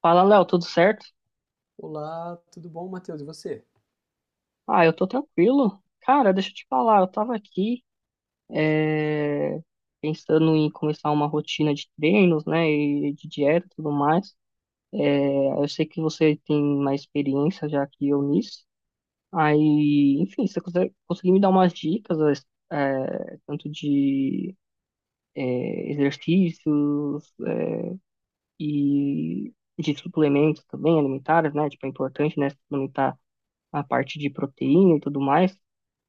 Fala, Léo, tudo certo? Olá, tudo bom, Matheus? E você? Ah, eu tô tranquilo. Cara, deixa eu te falar, eu tava aqui pensando em começar uma rotina de treinos, né, e de dieta e tudo mais. É, eu sei que você tem mais experiência já que eu nisso. Aí, enfim, se você consegue, conseguir me dar umas dicas, tanto de exercícios e de suplementos também alimentares, né? Tipo, é importante, né, suplementar a parte de proteína e tudo mais.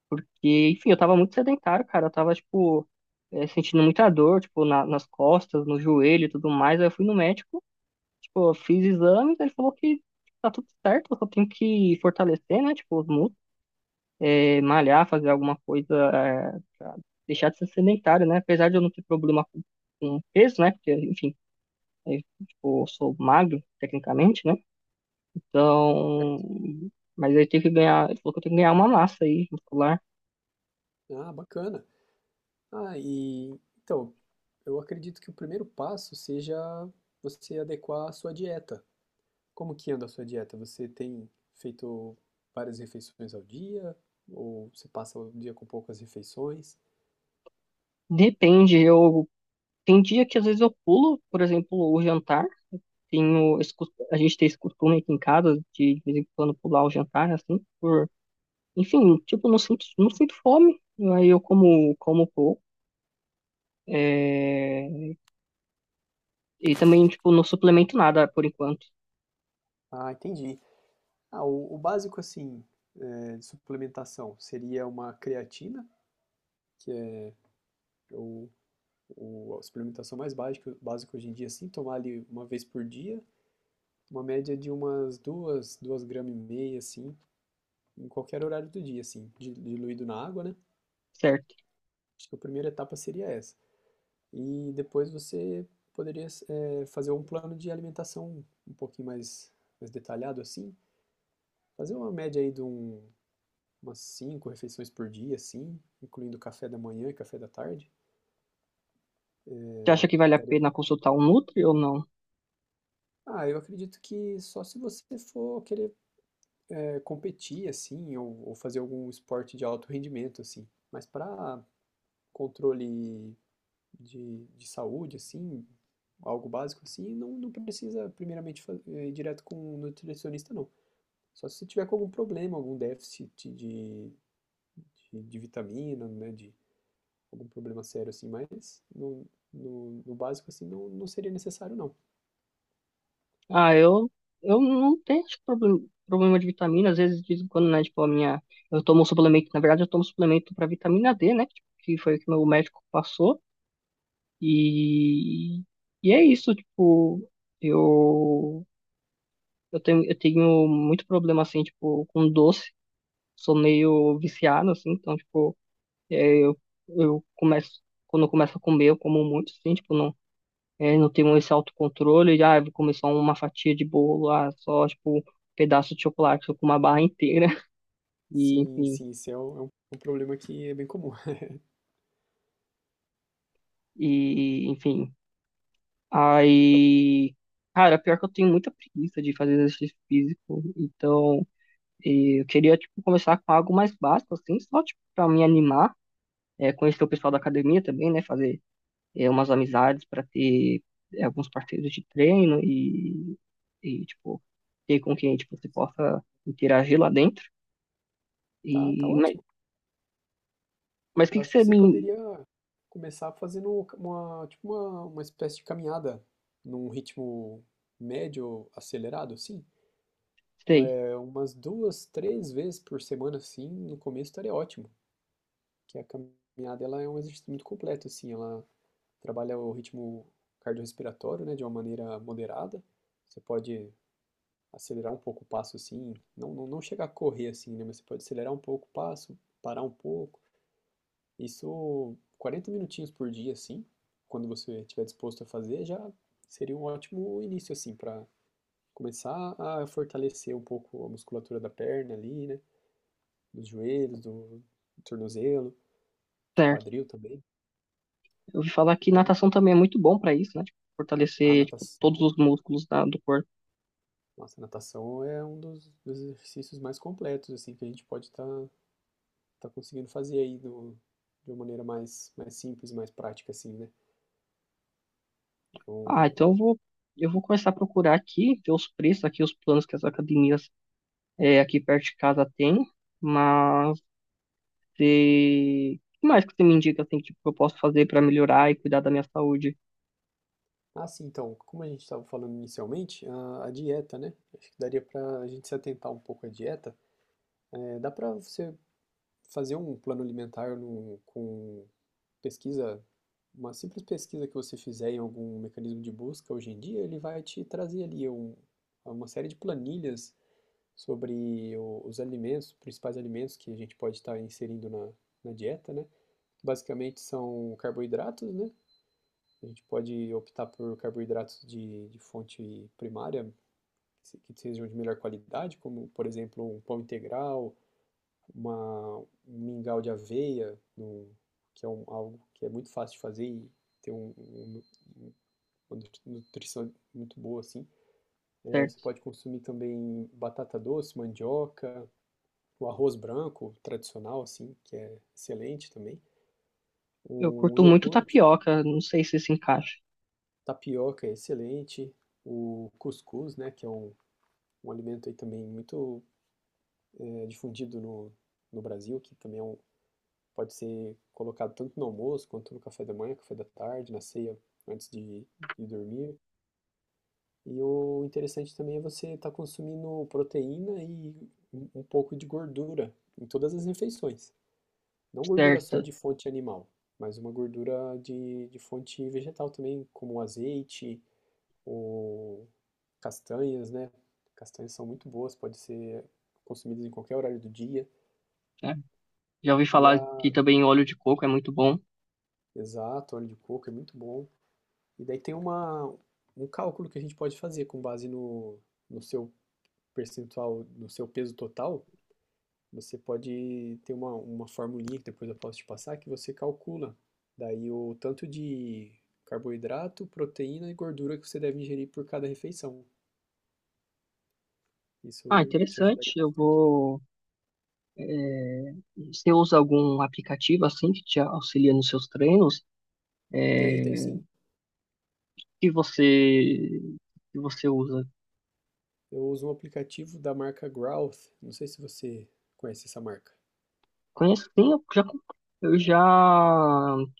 Porque, enfim, eu tava muito sedentário, cara. Eu tava, tipo, sentindo muita dor, tipo, nas costas, no joelho e tudo mais. Aí eu fui no médico, tipo, eu fiz exames, ele falou que tá tudo certo, eu só tenho que fortalecer, né? Tipo, os músculos, malhar, fazer alguma coisa, pra deixar de ser sedentário, né? Apesar de eu não ter problema com peso, né? Porque, enfim, eh, tipo, eu sou magro, tecnicamente, né? Então, mas aí tem que ganhar, ele falou que eu tenho que ganhar uma massa aí, muscular. Ah, bacana. Ah, e então, eu acredito que o primeiro passo seja você adequar a sua dieta. Como que anda a sua dieta? Você tem feito várias refeições ao dia? Ou você passa o dia com poucas refeições? Depende, eu. Tem dia que às vezes eu pulo, por exemplo, o jantar. A gente tem esse costume aqui em casa de vez em quando pular o jantar, assim, por, enfim, tipo, não sinto fome. Aí eu como, como pouco. É, e também, tipo, não suplemento nada por enquanto, Ah, entendi. Ah, o básico, assim, de suplementação seria uma creatina, que é o, a suplementação mais básica, básica hoje em dia, assim, tomar ali uma vez por dia, uma média de umas 2,5 gramas, assim, em qualquer horário do dia, assim, diluído na água, né? certo? Acho que a primeira etapa seria essa. E depois você poderia, fazer um plano de alimentação um pouquinho mais detalhado, assim. Fazer uma média aí de umas 5 refeições por dia, assim, incluindo café da manhã e café da tarde. Você acha que vale a Daria... pena consultar um Nutri ou não? Ah, eu acredito que só se você for querer competir, assim, ou fazer algum esporte de alto rendimento, assim. Mas para controle de saúde, assim, algo básico assim, não, não precisa primeiramente fazer ir direto com um nutricionista, não. Só se você tiver com algum problema, algum déficit de vitamina, né, de algum problema sério assim, mas no básico assim não, não seria necessário, não. Ah, eu, eu não tenho acho, problema de vitamina, às vezes, de vez em quando, né? Tipo, a minha. Eu tomo um suplemento, na verdade, eu tomo suplemento para vitamina D, né? Tipo, que foi o que meu médico passou. E, e é isso, tipo, eu, eu tenho muito problema, assim, tipo, com doce. Sou meio viciado, assim, então, tipo, é, eu, eu começo, quando eu começo a comer, eu como muito, assim, tipo, não tenho esse autocontrole de, ah, eu vou comer só uma fatia de bolo, ah, só, tipo, um pedaço de chocolate, eu como uma barra inteira, e, Sim, sim, isso é um problema que é bem comum. Enfim. Aí, cara, pior que eu tenho muita preguiça de fazer exercício físico, então... E eu queria, tipo, começar com algo mais básico, assim, só, tipo, pra me animar, conhecer o pessoal da academia também, né? Fazer umas amizades para ter alguns parceiros de treino e, tipo, ter com quem, tipo, você possa interagir lá dentro. E, Tá, tá ótimo. mas o que Eu que acho você que você me... poderia começar fazendo uma espécie de caminhada num ritmo médio acelerado, assim. Sei, É, umas duas, três vezes por semana, assim, no começo estaria ótimo. Que a caminhada ela é um exercício muito completo, assim, ela trabalha o ritmo cardiorrespiratório, né, de uma maneira moderada. Você pode acelerar um pouco o passo, assim, não chegar a correr, assim, né, mas você pode acelerar um pouco o passo, parar um pouco. Isso 40 minutinhos por dia, assim, quando você estiver disposto a fazer, já seria um ótimo início, assim, para começar a fortalecer um pouco a musculatura da perna ali, né? Dos joelhos, do tornozelo, certo. quadril também. Eu ouvi falar que Aí, natação também é muito bom para isso, né? Tipo, a fortalecer, tipo, todos os natação, músculos da, do corpo. nossa, a natação é um dos exercícios mais completos, assim, que a gente pode estar conseguindo fazer aí do, de uma maneira mais simples, mais prática, assim, né? Ah, Eu- então eu vou... Eu vou começar a procurar aqui, ver os preços aqui, os planos que as academias é, aqui perto de casa tem, mas e... o que mais que você me indica assim, que eu posso fazer para melhorar e cuidar da minha saúde, Ah, sim, então, como a gente estava falando inicialmente, a dieta, né? Acho que daria para a gente se atentar um pouco à dieta. É, dá para você fazer um plano alimentar no, com pesquisa, uma simples pesquisa que você fizer em algum mecanismo de busca hoje em dia, ele vai te trazer ali uma série de planilhas sobre os alimentos, principais alimentos que a gente pode estar inserindo na dieta, né? Basicamente são carboidratos, né? A gente pode optar por carboidratos de fonte primária, que sejam de melhor qualidade, como, por exemplo, um pão integral, um mingau de aveia, num- que é algo que é muito fácil de fazer e tem um- um- um- uma nutrição muito boa, assim. É, você certo? pode consumir também batata doce, mandioca, o arroz branco tradicional, assim, que é excelente também. Eu O curto muito iogurte, tapioca, não sei se se encaixa, tapioca é excelente. O cuscuz, né, que é um alimento aí também muito difundido no Brasil, que também é um, pode ser colocado tanto no almoço, quanto no café da manhã, café da tarde, na ceia, antes de dormir. E o interessante também é você estar consumindo proteína e um pouco de gordura em todas as refeições. Não gordura só certo? de fonte animal, mas uma gordura de fonte vegetal também, como o azeite ou castanhas, né? Castanhas são muito boas, pode ser consumidas em qualquer horário do dia. É. Já ouvi E falar a, que também óleo de coco é muito bom. exato, óleo de coco é muito bom. E daí tem um cálculo que a gente pode fazer com base no seu percentual, no seu peso total. Você pode ter uma formulinha que depois eu posso te passar que você calcula. Daí o tanto de carboidrato, proteína e gordura que você deve ingerir por cada refeição. Ah, Isso te interessante. ajudaria Eu bastante. vou. Você usa algum aplicativo assim que te auxilia nos seus treinos? Tem, tem sim. Que você que você usa? Eu uso um aplicativo da marca Growth. Não sei se você conhece essa marca. Conheço sim, eu já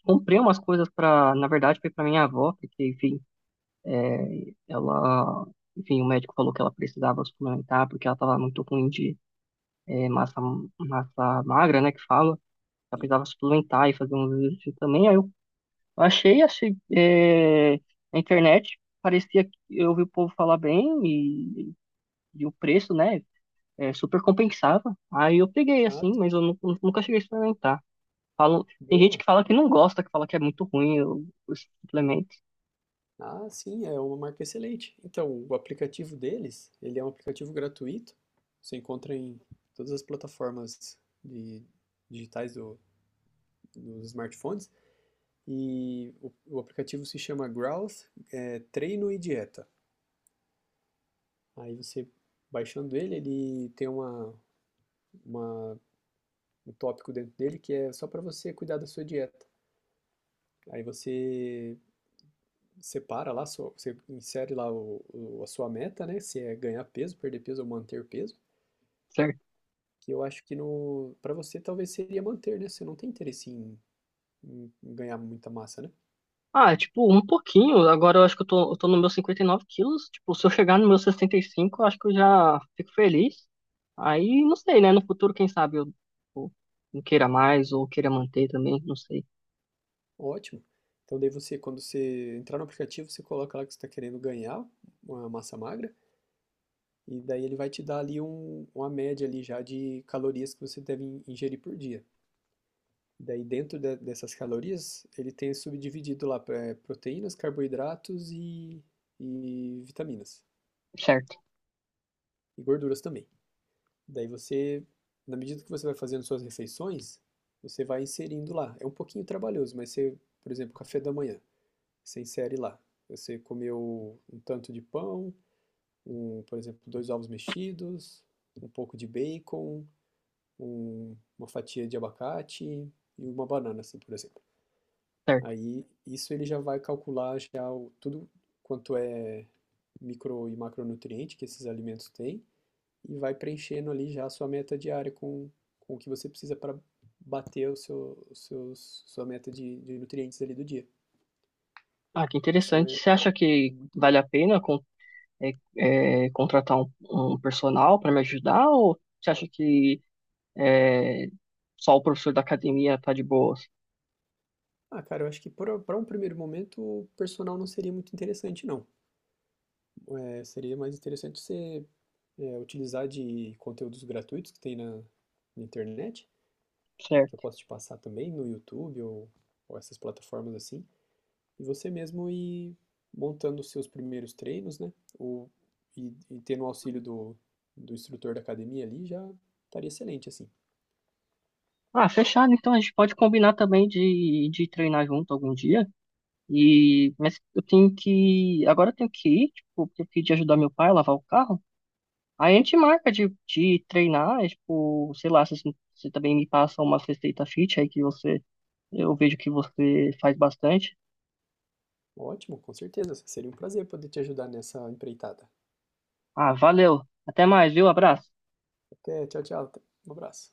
comprei umas coisas para, na verdade, foi para minha avó, porque enfim, Ela, enfim, o médico falou que ela precisava suplementar porque ela estava muito ruim de eh, massa, massa magra, né, que fala. Ela Sim. precisava suplementar e fazer um exercício também. Achei na internet, parecia que eu ouvi o povo falar bem e o preço, né, super compensava. Aí eu peguei Ah, assim, mas eu nunca cheguei a experimentar. Falam, tem gente boa. que fala que não gosta, que fala que é muito ruim o- os suplementos, Ah, sim, é uma marca excelente. Então, o aplicativo deles, ele é um aplicativo gratuito. Você encontra em todas as plataformas de- digitais do- dos smartphones. E o aplicativo se chama Growth, é, Treino e Dieta. Aí você, baixando ele, ele tem uma- um tópico dentro dele que é só para você cuidar da sua dieta. Aí você separa lá, sua- você insere lá a sua meta, né? Se é ganhar peso, perder peso ou manter peso. certo? Que eu acho que no para você talvez seria manter, né? Você não tem interesse em ganhar muita massa, né? Ah, tipo, um pouquinho. Agora eu acho que eu tô no meu 59 quilos. Tipo, se eu chegar no meu 65, eu acho que eu já fico feliz. Aí, não sei, né? No futuro, quem sabe eu não queira mais ou queira manter também, não sei. Ótimo. Então daí você, quando você entrar no aplicativo, você coloca lá que você está querendo ganhar uma massa magra e daí ele vai te dar ali uma média ali já de calorias que você deve ingerir por dia. Daí dentro dessas calorias, ele tem subdividido lá pra- proteínas, carboidratos e vitaminas Certo, e gorduras também. Daí você, na medida que você vai fazendo suas refeições, você vai inserindo lá. É um pouquinho trabalhoso, mas você, por exemplo, café da manhã, você insere lá. Você comeu um tanto de pão, um, por exemplo, dois ovos mexidos, um pouco de bacon, uma fatia de abacate e uma banana, assim, por exemplo. certo. Aí isso ele já vai calcular já o- tudo quanto é micro e macronutriente que esses alimentos têm e vai preenchendo ali já a sua meta diária com o que você precisa para bater o seu, os seus, sua meta de nutrientes ali do dia. Ah, que Isso interessante. é, Você acha é que muito bom. vale a pena con- É, é, contratar um personal para me ajudar? Ou você acha que é, só o professor da academia tá de boas? Ah, cara, eu acho que para um primeiro momento o personal não seria muito interessante, não. É, seria mais interessante você utilizar de conteúdos gratuitos que tem na internet, que eu Certo. posso te passar também no YouTube ou essas plataformas assim. E você mesmo ir montando os seus primeiros treinos, né? Ou, e tendo o auxílio do instrutor da academia ali, já estaria excelente, assim. Ah, fechado. Então a gente pode combinar também de treinar junto algum dia. E, mas eu tenho que. Agora eu tenho que ir, tipo, porque eu pedi ajudar meu pai a lavar o carro. Aí a gente marca de treinar, é, tipo, sei lá, se você também me passa uma receita fit aí que você. Eu vejo que você faz bastante. Ótimo, com certeza. Seria um prazer poder te ajudar nessa empreitada. Ah, valeu. Até mais, viu? Abraço. Até, tchau, tchau. Um abraço.